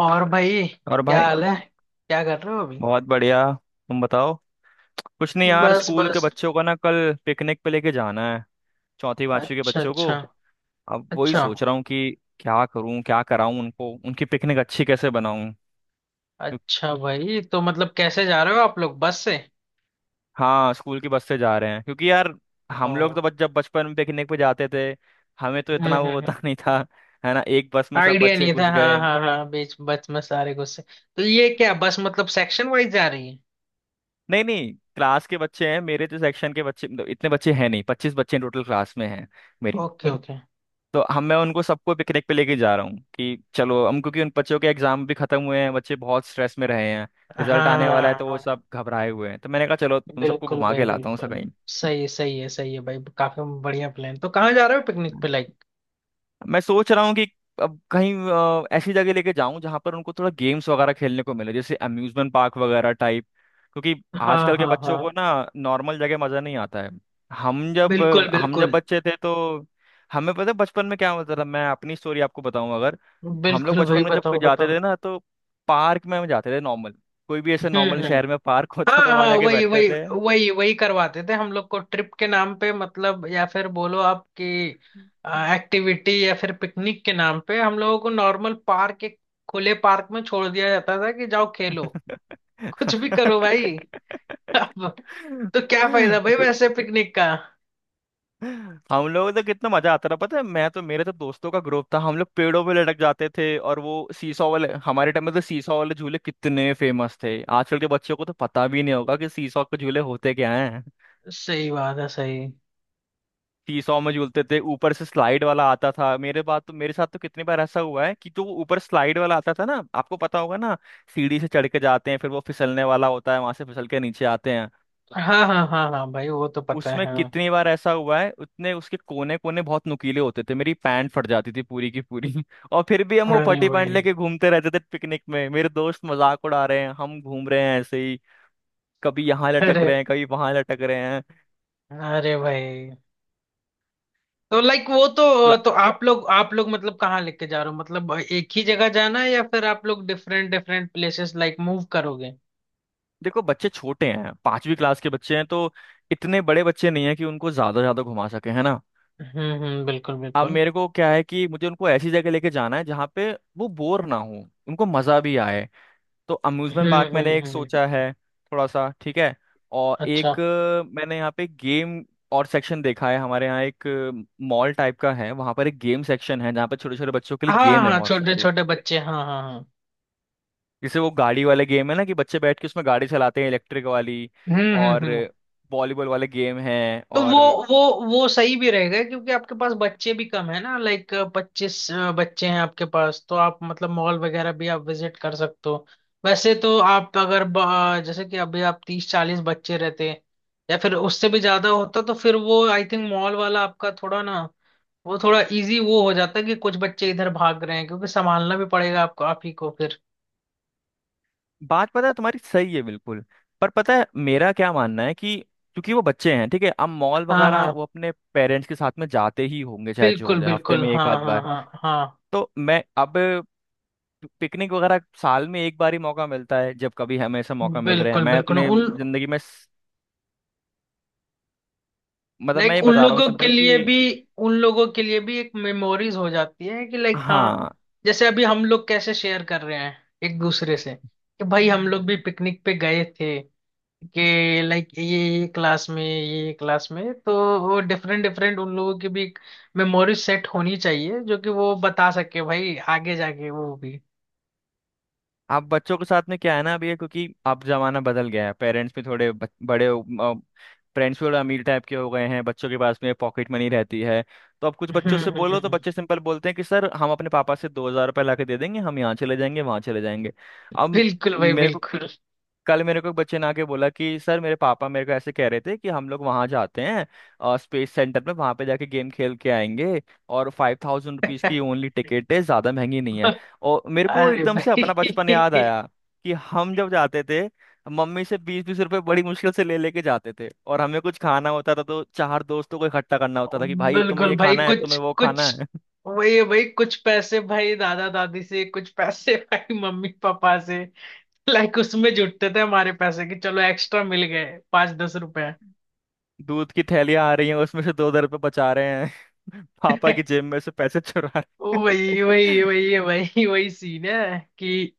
और भाई, और क्या भाई। हाल है? क्या कर रहे हो अभी? बहुत बढ़िया, तुम बताओ। कुछ नहीं यार, बस स्कूल के बस। बच्चों का ना कल पिकनिक पे लेके जाना है। चौथी पांचवी के अच्छा बच्चों को। अच्छा। अब वही अच्छा सोच रहा हूँ कि क्या करूँ, क्या कराऊँ उनको, उनकी पिकनिक अच्छी कैसे बनाऊँ। क्यों- अच्छा भाई, तो मतलब कैसे जा रहे हो आप लोग, बस से? हाँ स्कूल की बस से जा रहे हैं, क्योंकि यार हम लोग ओ। तो जब बचपन में पिकनिक पे जाते थे हमें तो इतना वो हम्म। होता नहीं था, है ना। एक बस में सब आइडिया बच्चे नहीं घुस था। हाँ गए। हाँ हाँ, बीच बस में सारे गुस्से। तो ये क्या बस मतलब सेक्शन वाइज जा रही है? नहीं नहीं, क्लास के बच्चे हैं मेरे, तो सेक्शन के बच्चे मतलब इतने बच्चे हैं नहीं, 25 बच्चे टोटल क्लास में हैं मेरी। Okay okay. तो हम मैं उनको सबको पिकनिक पे लेके जा रहा हूँ कि चलो हम, क्योंकि उन बच्चों के एग्जाम भी खत्म हुए हैं, बच्चे बहुत स्ट्रेस में रहे हैं। हाँ रिजल्ट हाँ आने वाला है हाँ तो वो हाँ। सब घबराए हुए हैं, तो मैंने कहा चलो तुम सबको बिल्कुल घुमा भाई के लाता हूँ सब बिल्कुल। कहीं। सही है, सही है, सही है भाई। काफी बढ़िया प्लान। तो कहाँ जा रहे हो पिकनिक पे, लाइक? मैं सोच रहा हूँ कि अब कहीं ऐसी जगह लेके जाऊं जहां पर उनको थोड़ा गेम्स वगैरह खेलने को मिले, जैसे अम्यूजमेंट पार्क वगैरह टाइप। क्योंकि हाँ आजकल के हाँ बच्चों हाँ। को ना नॉर्मल जगह मजा नहीं आता है। हम जब बिल्कुल हम जब बिल्कुल। बच्चे थे तो हमें पता है बचपन में क्या होता था। मैं अपनी स्टोरी आपको बताऊं अगर। हम लोग बिल्कुल भाई, बचपन में जब कहीं बताओ जाते बताओ। थे ना, तो पार्क में हम जाते थे नॉर्मल, कोई भी ऐसे नॉर्मल हम्म। शहर में पार्क होता हाँ था तो वहां हाँ, जाके वही बैठते वही थे। वही वही करवाते थे हम लोग को ट्रिप के नाम पे मतलब, या फिर बोलो आपकी एक्टिविटी या फिर पिकनिक के नाम पे। हम लोगों को नॉर्मल पार्क, एक खुले पार्क में छोड़ दिया जाता था कि जाओ खेलो, कुछ भी करो भाई। अब तो क्या फायदा भाई वैसे पिकनिक का। हम लोग तो कितना मजा आता था, पता है। मैं तो, मेरे तो दोस्तों का ग्रुप था, हम लोग पेड़ों पे लटक जाते थे। और वो सीसॉ वाले, हमारे टाइम में तो सीसॉ वाले झूले कितने फेमस थे, आजकल के बच्चों को तो पता भी नहीं होगा कि सीसॉ के झूले होते क्या हैं। सही बात है, सही। सीसॉ में झूलते थे, ऊपर से स्लाइड वाला आता था। मेरे साथ तो कितनी बार ऐसा हुआ है कि जो वो ऊपर स्लाइड वाला आता था ना, आपको पता होगा ना, सीढ़ी से चढ़ के जाते हैं फिर वो फिसलने वाला होता है, वहां से फिसल के नीचे आते हैं। हाँ हाँ हाँ हाँ भाई, वो तो पता है उसमें हाँ। कितनी बार ऐसा हुआ है, उतने उसके कोने कोने बहुत नुकीले होते थे, मेरी पैंट फट जाती थी पूरी की पूरी और फिर भी हम वो अरे फटी पैंट भाई। लेके घूमते रहते थे पिकनिक में, मेरे दोस्त मजाक उड़ा रहे हैं, हम घूम रहे हैं ऐसे ही, कभी यहाँ लटक अरे। रहे हैं कभी वहां लटक रहे हैं। अरे भाई, तो लाइक वो तो क्ला- तो आप लोग, आप लोग मतलब कहाँ लेके जा रहे हो? मतलब एक ही जगह जाना है या फिर आप लोग different different places like move करोगे? देखो बच्चे छोटे हैं, पांचवी क्लास के बच्चे हैं, तो इतने बड़े बच्चे नहीं है कि उनको ज्यादा ज्यादा घुमा सके, है ना। हम्म, बिल्कुल अब बिल्कुल। मेरे को क्या है कि मुझे उनको ऐसी जगह लेके जाना है जहाँ पे वो बोर ना हो, उनको मजा भी आए। तो अम्यूजमेंट पार्क मैंने एक हम्म। सोचा है थोड़ा सा, ठीक है। और अच्छा। एक मैंने यहाँ पे गेम और सेक्शन देखा है, हमारे यहाँ एक मॉल टाइप का है, वहाँ पर एक गेम सेक्शन है जहाँ पे छोटे छोटे बच्चों के लिए हाँ हाँ गेम है हाँ, बहुत छोटे सारे। छोटे बच्चे, हाँ हाँ हाँ। जैसे वो गाड़ी वाले गेम है ना कि बच्चे बैठ के उसमें गाड़ी चलाते हैं, इलेक्ट्रिक वाली। और हम्म। वॉलीबॉल वाले गेम हैं, तो और वो वो सही भी रहेगा क्योंकि आपके पास बच्चे भी कम है ना, लाइक पच्चीस बच्चे हैं आपके पास। तो आप मतलब मॉल वगैरह भी आप विजिट कर सकते हो। वैसे तो आप अगर जैसे कि अभी आप तीस चालीस बच्चे रहते या फिर उससे भी ज्यादा होता, तो फिर वो आई थिंक मॉल वाला आपका थोड़ा ना, वो थोड़ा इजी वो हो जाता कि कुछ बच्चे इधर भाग रहे हैं, क्योंकि संभालना भी पड़ेगा आपको, आप ही को फिर। बात पता है तुम्हारी सही है बिल्कुल। पर पता है मेरा क्या मानना है कि क्योंकि वो बच्चे हैं, ठीक है, अब मॉल हाँ वगैरह हाँ वो अपने पेरेंट्स के साथ में जाते ही होंगे, चाहे जो हो बिल्कुल जाए, हफ्ते बिल्कुल। में एक हाँ आध हाँ बार। हाँ हाँ। तो मैं अब पिकनिक वगैरह साल में एक बार ही मौका मिलता है, जब कभी हमें ऐसा मौका मिल रहा है। बिल्कुल मैं बिल्कुल। अपने उन, जिंदगी में स- मतलब मैं लाइक ये उन बता रहा हूँ लोगों के सिंपल कि लिए भी, उन लोगों के लिए भी एक मेमोरीज हो जाती है कि लाइक हाँ, हाँ। जैसे अभी हम लोग कैसे शेयर कर रहे हैं एक दूसरे से कि भाई हम लोग भी पिकनिक पे गए थे, कि लाइक ये क्लास में, ये क्लास में। तो वो डिफरेंट डिफरेंट, उन लोगों की भी एक मेमोरी सेट होनी चाहिए जो कि वो बता सके भाई आगे जाके वो भी। आप बच्चों के साथ में क्या है ना अभी ये, क्योंकि अब जमाना बदल गया है, पेरेंट्स भी थोड़े बड़े, पेरेंट्स भी थोड़े अमीर टाइप के हो गए हैं, बच्चों के पास में पॉकेट मनी रहती है। तो अब कुछ बच्चों हम्म से हम्म, बोलो तो हम्म। बच्चे सिंपल बोलते हैं कि सर हम अपने पापा से ₹2,000 ला के दे देंगे, हम यहाँ चले जाएंगे, वहाँ चले जाएंगे। अब बिल्कुल भाई मेरे बिल्कुल। कल मेरे को एक बच्चे ने आके बोला कि सर मेरे पापा मेरे को ऐसे कह रहे थे कि हम लोग वहाँ जाते हैं, और स्पेस सेंटर में वहाँ पे जाके गेम खेल के आएंगे, और 5,000 रुपीज़ की ओनली टिकट है, ज़्यादा महंगी नहीं है। और मेरे को अरे एकदम से अपना भाई। बचपन याद आया कि हम जब जाते थे, मम्मी से 20-20 रुपए बड़ी मुश्किल से ले लेके जाते थे, और हमें कुछ खाना होता था तो चार दोस्तों को इकट्ठा करना होता था कि भाई तुम्हें बिल्कुल ये भाई, खाना है कुछ तुम्हें वो कुछ खाना है। वही है भाई, कुछ पैसे भाई दादा दादी से, कुछ पैसे भाई मम्मी पापा से, लाइक उसमें जुटते थे हमारे पैसे कि चलो एक्स्ट्रा मिल गए पाँच दस रुपए। दूध की थैलियाँ आ रही हैं उसमें से दो दो रुपए बचा रहे हैं, पापा की जेब में से पैसे चुरा रहे वही वही हैं। वही वही वही सीन है कि।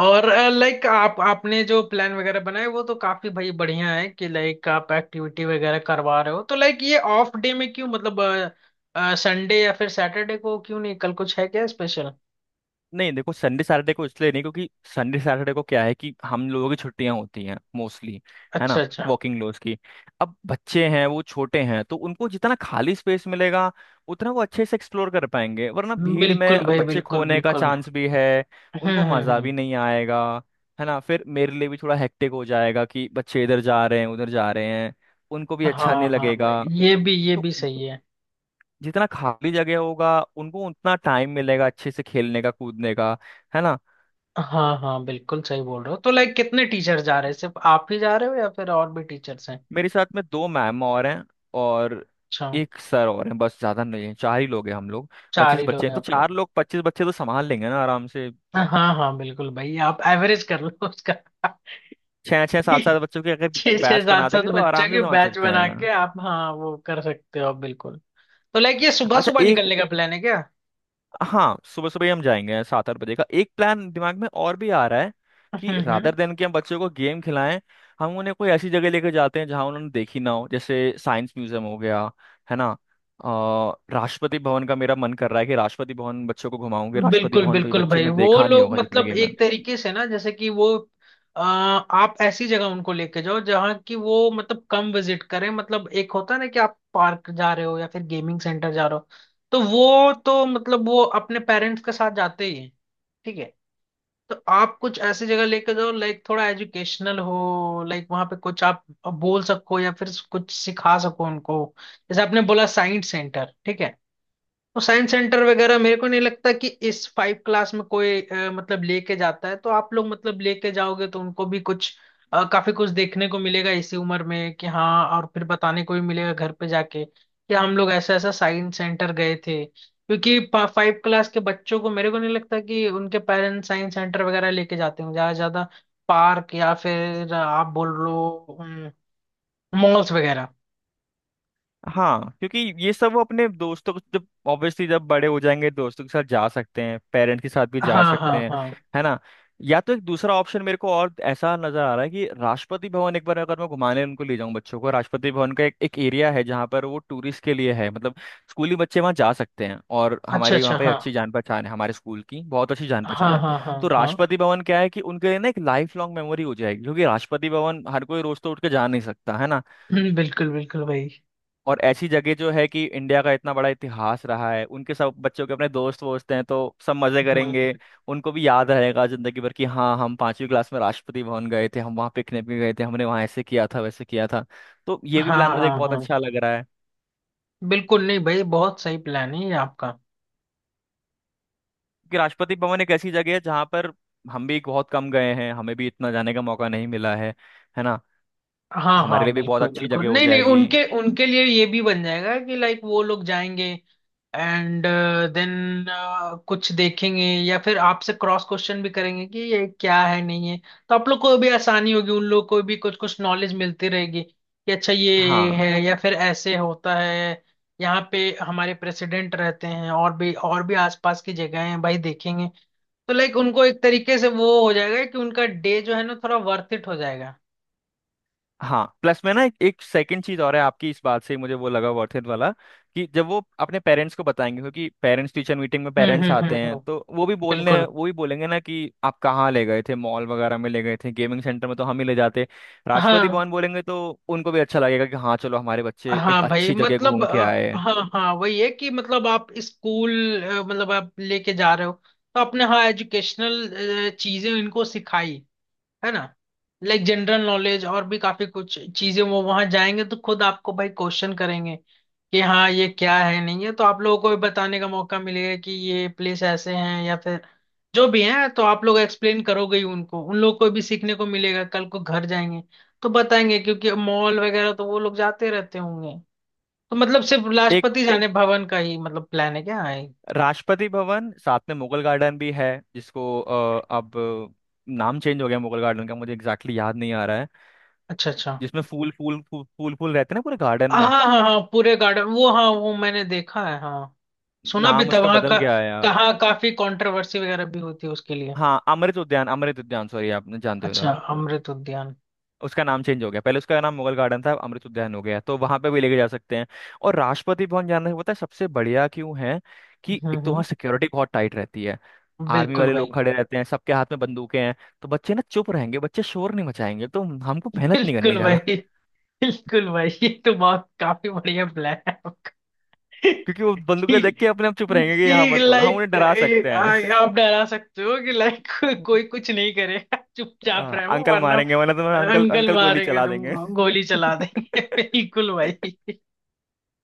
और लाइक आप, आपने जो प्लान वगैरह बनाए वो तो काफी भाई बढ़िया है कि लाइक आप एक्टिविटी वगैरह करवा रहे हो। तो लाइक ये ऑफ डे में क्यों, मतलब संडे या फिर सैटरडे को क्यों नहीं? कल कुछ है क्या स्पेशल? नहीं देखो संडे सैटरडे को इसलिए नहीं, क्योंकि संडे सैटरडे को क्या है कि हम लोगों की छुट्टियां होती हैं मोस्टली, है ना, अच्छा अच्छा। वर्किंग लोज की। अब बच्चे हैं, वो छोटे हैं, तो उनको जितना खाली स्पेस मिलेगा उतना वो अच्छे से एक्सप्लोर कर पाएंगे, वरना भीड़ में बिल्कुल भाई, बच्चे बिल्कुल खोने का बिल्कुल। चांस भी है, उनको मजा भी हम्म। नहीं आएगा, है ना। फिर मेरे लिए भी थोड़ा हेक्टिक हो जाएगा कि बच्चे इधर जा रहे हैं उधर जा रहे हैं, उनको भी अच्छा नहीं हाँ हाँ भाई, लगेगा। ये भी, ये तो भी सही है। जितना खाली जगह होगा उनको उतना टाइम मिलेगा अच्छे से खेलने का, कूदने का, है ना। हाँ हाँ बिल्कुल, सही बोल रहे हो। तो लाइक कितने टीचर जा रहे हैं? सिर्फ आप ही जा रहे हो या फिर और भी टीचर्स हैं? मेरे साथ में दो मैम और हैं, और अच्छा। एक सर और हैं, बस ज्यादा नहीं है, चार ही लोग हैं हम लोग। चार पच्चीस ही बच्चे लोग हैं, हैं तो आप लोग। चार लोग 25 बच्चे तो संभाल लेंगे ना आराम से। हाँ हाँ बिल्कुल भाई, आप एवरेज कर लो उसका। छः छः सात सात बच्चों के अगर छः छः बैच बना सात सात देंगे तो बच्चों आराम से के संभाल बैच सकते हैं। बना के आप, हाँ वो कर सकते हो आप बिल्कुल। तो लाइक ये सुबह अच्छा सुबह एक, निकलने का प्लान है क्या? हाँ सुबह सुबह ही हम जाएंगे, 7-8 बजे का। एक प्लान दिमाग में और भी आ रहा है कि हम्म। रादर देन कि हम बच्चों को गेम खिलाएं, हम उन्हें कोई ऐसी जगह लेकर जाते हैं जहां उन्होंने देखी ना हो, जैसे साइंस म्यूजियम हो गया, है ना। अ, राष्ट्रपति भवन का मेरा मन कर रहा है कि राष्ट्रपति भवन बच्चों को घुमाऊंगे, राष्ट्रपति बिल्कुल भवन को ये बिल्कुल बच्चों भाई, ने वो देखा नहीं लोग होगा, जितने मतलब गेम। एक तरीके से ना, जैसे कि वो, आप ऐसी जगह उनको लेके जाओ जहाँ की वो मतलब कम विजिट करें। मतलब एक होता है ना कि आप पार्क जा रहे हो या फिर गेमिंग सेंटर जा रहे हो, तो वो तो मतलब वो अपने पेरेंट्स के साथ जाते ही हैं। ठीक है। तो आप कुछ ऐसी जगह लेके जाओ लाइक थोड़ा एजुकेशनल हो, लाइक वहाँ पे कुछ आप बोल सको या फिर कुछ सिखा सको उनको। जैसे आपने बोला साइंस सेंटर, ठीक है। तो साइंस सेंटर वगैरह मेरे को नहीं लगता कि इस फाइव क्लास में कोई मतलब लेके जाता है। तो आप लोग मतलब लेके जाओगे तो उनको भी कुछ, काफी कुछ देखने को मिलेगा इसी उम्र में कि हाँ, और फिर बताने को भी मिलेगा घर पे जाके कि हम लोग ऐसा ऐसा साइंस सेंटर गए थे। क्योंकि फाइव क्लास के बच्चों को मेरे को नहीं लगता कि उनके पेरेंट्स साइंस सेंटर वगैरह लेके जाते होंगे, ज्यादा से ज्यादा पार्क या फिर आप बोल लो मॉल्स वगैरह। हाँ क्योंकि ये सब वो अपने दोस्तों को जब ऑब्वियसली जब बड़े हो जाएंगे दोस्तों के साथ जा सकते हैं, पेरेंट्स के साथ भी जा हाँ सकते हाँ हैं, हाँ। है ना। या तो एक दूसरा ऑप्शन मेरे को और ऐसा नजर आ रहा है कि राष्ट्रपति भवन एक बार अगर मैं घुमाने उनको ले जाऊं बच्चों को। राष्ट्रपति भवन का एक एरिया है जहाँ पर वो टूरिस्ट के लिए है, मतलब स्कूली बच्चे वहाँ जा सकते हैं, और अच्छा हमारी वहाँ अच्छा। पे हाँ अच्छी जान पहचान है, हमारे स्कूल की बहुत अच्छी जान हाँ पहचान है। हाँ हाँ तो हाँ। राष्ट्रपति भवन क्या है कि उनके लिए ना एक लाइफ लॉन्ग मेमोरी हो जाएगी, क्योंकि राष्ट्रपति भवन हर कोई रोज तो उठ के जा नहीं सकता है ना। बिल्कुल बिल्कुल भाई। और ऐसी जगह जो है कि इंडिया का इतना बड़ा इतिहास रहा है, उनके सब बच्चों के अपने दोस्त वोस्त हैं तो सब मजे हम्म, करेंगे। उनको भी याद रहेगा जिंदगी भर कि हाँ हम पांचवी क्लास में राष्ट्रपति भवन गए थे, हम वहाँ पिकनिक में गए थे, हमने वहाँ ऐसे किया था वैसे किया था। तो ये भी हाँ प्लान मुझे हाँ बहुत हाँ। अच्छा लग रहा है बिल्कुल नहीं भाई, बहुत सही प्लान है ये आपका। कि राष्ट्रपति भवन एक ऐसी जगह है जहाँ पर हम भी बहुत कम गए हैं, हमें भी इतना जाने का मौका नहीं मिला है ना, हाँ हाँ हमारे लिए भी बहुत बिल्कुल अच्छी बिल्कुल, जगह हो नहीं नहीं, जाएगी। उनके, उनके लिए ये भी बन जाएगा कि लाइक वो लोग जाएंगे एंड देन कुछ देखेंगे या फिर आपसे क्रॉस क्वेश्चन भी करेंगे कि ये क्या है, नहीं है। तो आप लोग को भी आसानी होगी, उन लोग को भी कुछ कुछ नॉलेज मिलती रहेगी कि अच्छा, ये हाँ है या फिर ऐसे होता है, यहाँ पे हमारे प्रेसिडेंट रहते हैं, और भी, और भी आसपास की जगह हैं भाई, देखेंगे। तो लाइक उनको एक तरीके से वो हो जाएगा कि उनका डे जो है ना, थोड़ा वर्थ इट हो जाएगा। हाँ, प्लस में ना एक सेकंड चीज और है, आपकी इस बात से ही मुझे वो लगा वर्थ इट वाला कि जब वो अपने पेरेंट्स को बताएंगे, क्योंकि पेरेंट्स टीचर मीटिंग में हम्म पेरेंट्स हम्म हम्म आते हैं हम्म, तो वो भी बोलने, बिल्कुल। वो भी बोलेंगे ना कि आप कहाँ ले गए थे, मॉल वगैरह में ले गए थे, गेमिंग सेंटर में तो हम ही ले जाते। राष्ट्रपति हाँ भवन बोलेंगे तो उनको भी अच्छा लगेगा कि हाँ चलो हमारे बच्चे एक हाँ भाई अच्छी जगह मतलब घूम के आए हैं। हाँ हाँ वही है कि मतलब आप स्कूल, मतलब आप लेके जा रहे हो तो आपने हाँ एजुकेशनल चीजें इनको सिखाई, है ना, लाइक जनरल नॉलेज और भी काफी कुछ चीजें। वो वहां जाएंगे तो खुद आपको भाई क्वेश्चन करेंगे कि हाँ ये क्या है, नहीं है। तो आप लोगों को भी बताने का मौका मिलेगा कि ये प्लेस ऐसे हैं या फिर जो भी हैं, तो आप लोग एक्सप्लेन करोगे ही उनको, उन लोग को भी सीखने को मिलेगा। कल को घर जाएंगे तो बताएंगे, क्योंकि मॉल वगैरह तो वो लोग जाते रहते होंगे। तो मतलब सिर्फ एक राष्ट्रपति जाने भवन का ही मतलब प्लान है क्या है? राष्ट्रपति भवन साथ में मुगल गार्डन भी है, जिसको अब नाम चेंज हो गया मुगल गार्डन का, मुझे एग्जैक्टली याद नहीं आ रहा है। अच्छा अच्छा। जिसमें फूल फूल फूल फूल फूल रहते हैं ना पूरे गार्डन हाँ में, हाँ हाँ, पूरे गार्डन, वो हाँ वो मैंने देखा है हाँ, सुना भी नाम था उसका वहाँ बदल का, गया है। कहाँ काफी कंट्रोवर्सी वगैरह भी होती है उसके लिए। हाँ अमृत उद्यान, अमृत उद्यान, सॉरी आपने जानते हो तो। अच्छा, अमृत उद्यान। उसका नाम चेंज हो गया, पहले उसका नाम मुगल गार्डन था, अब अमृत उद्यान हो गया, तो वहां पे भी लेके जा सकते हैं। और राष्ट्रपति भवन जाना पता है सबसे बढ़िया क्यों है, कि एक तो वहाँ हम्म। सिक्योरिटी बहुत टाइट रहती है, आर्मी बिल्कुल वाले लोग भाई। खड़े रहते हैं, सबके हाथ में बंदूकें हैं। तो बच्चे ना चुप रहेंगे, बच्चे शोर नहीं मचाएंगे, तो हमको मेहनत नहीं करनी बिल्कुल भाई। ज्यादा। बिल्कुल भाई, ये तो बहुत काफी बढ़िया प्लान है आपका। क्योंकि वो बंदूकें देख के अपने आप चुप रहेंगे कि हाँ कि मत बोलो, हम उन्हें लाइक डरा सकते हैं। आप डरा सकते हो कि लाइक कोई कुछ नहीं करेगा, चुपचाप हाँ रहो अंकल वरना मारेंगे, वरना तुम्हें अंकल अंकल अंकल गोली मारेंगे, चला देंगे। तुमको गोली चला देंगे। बिल्कुल भाई,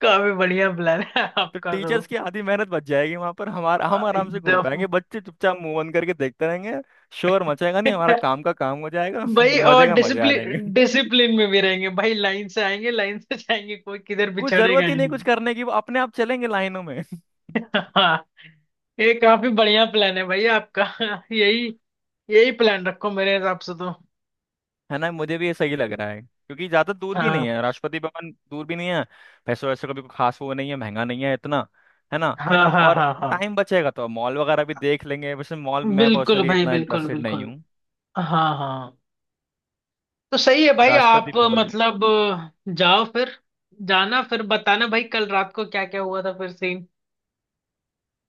काफी बढ़िया प्लान है तो आपका। तो टीचर्स की आधी मेहनत बच जाएगी वहां पर, हमारा हम आराम से घूम पाएंगे, एकदम। बच्चे चुपचाप मूव ऑन करके देखते रहेंगे, शोर मचेगा नहीं, हमारा काम का काम हो जाएगा। भाई और मजे का मजे आ जाएंगे। डिसिप्लिन डिसिप्लिन में भी रहेंगे भाई, लाइन से आएंगे लाइन से जाएंगे, कोई किधर कुछ बिछड़ेगा जरूरत ही ही नहीं कुछ नहीं। करने की, वो अपने आप चलेंगे लाइनों में। हाँ, ये काफी बढ़िया प्लान है भाई आपका। यही, यही प्लान रखो मेरे हिसाब से तो। है ना, मुझे भी ये सही लग रहा है, क्योंकि ज्यादा दूर भी नहीं हाँ है, राष्ट्रपति भवन दूर भी नहीं है। पैसों वैसे का भी कोई खास वो नहीं है, महंगा नहीं है इतना, है ना। हाँ हाँ और हाँ हाँ टाइम बचेगा तो मॉल वगैरह भी देख लेंगे, वैसे मॉल मैं बिल्कुल पर्सनली भाई, इतना बिल्कुल इंटरेस्टेड नहीं बिल्कुल। हूँ। हाँ हाँ। तो सही है भाई, आप राष्ट्रपति भवन हूँ। मतलब जाओ फिर। जाना फिर, बताना भाई कल रात को क्या क्या हुआ था फिर सीन।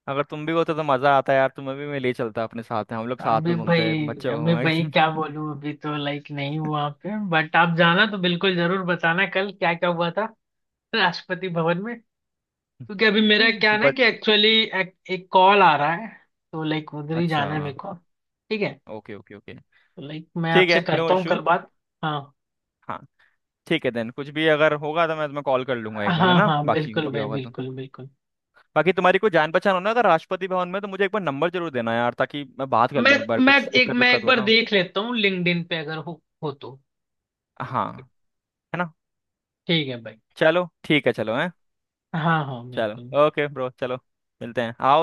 अगर तुम भी होते तो मजा आता यार, तुम्हें भी मैं ले चलता अपने साथ में, हम लोग साथ अभी में भाई, घूमते हैं, बच्चे को अभी घुमाए। भाई क्या बोलूं, अभी तो लाइक नहीं हुआ वहाँ पे, बट आप जाना तो बिल्कुल जरूर बताना कल क्या क्या हुआ था राष्ट्रपति भवन में। क्योंकि अभी मेरा क्या है ना बट कि एक्चुअली एक कॉल आ रहा है, तो लाइक उधर ही अच्छा, जाना है मेरे को। ठीक है, ओके ओके ओके, तो लाइक मैं ठीक आपसे है, नो करता हूँ इशू। कल बात। हाँ हाँ। ठीक है देन, कुछ भी अगर होगा तो मैं तुम्हें कॉल कर लूंगा एक बार, है हाँ ना, हाँ बाकी कुछ बिल्कुल भी भाई, होगा तो। बिल्कुल बिल्कुल। बाकी तुम्हारी कोई जान पहचान हो ना अगर राष्ट्रपति भवन में तो मुझे एक बार नंबर जरूर देना यार, ताकि मैं बात कर मैं लूँ एक बार, मैं कुछ एक, दिक्कत मैं एक विक्कत बार होता हो देख लेता हूँ लिंक्डइन पे अगर हो तो। तो, हाँ, है ना। ठीक है भाई। चलो ठीक है चलो है, हाँ हाँ बिल्कुल। चलो ओके ब्रो चलो, मिलते हैं आप।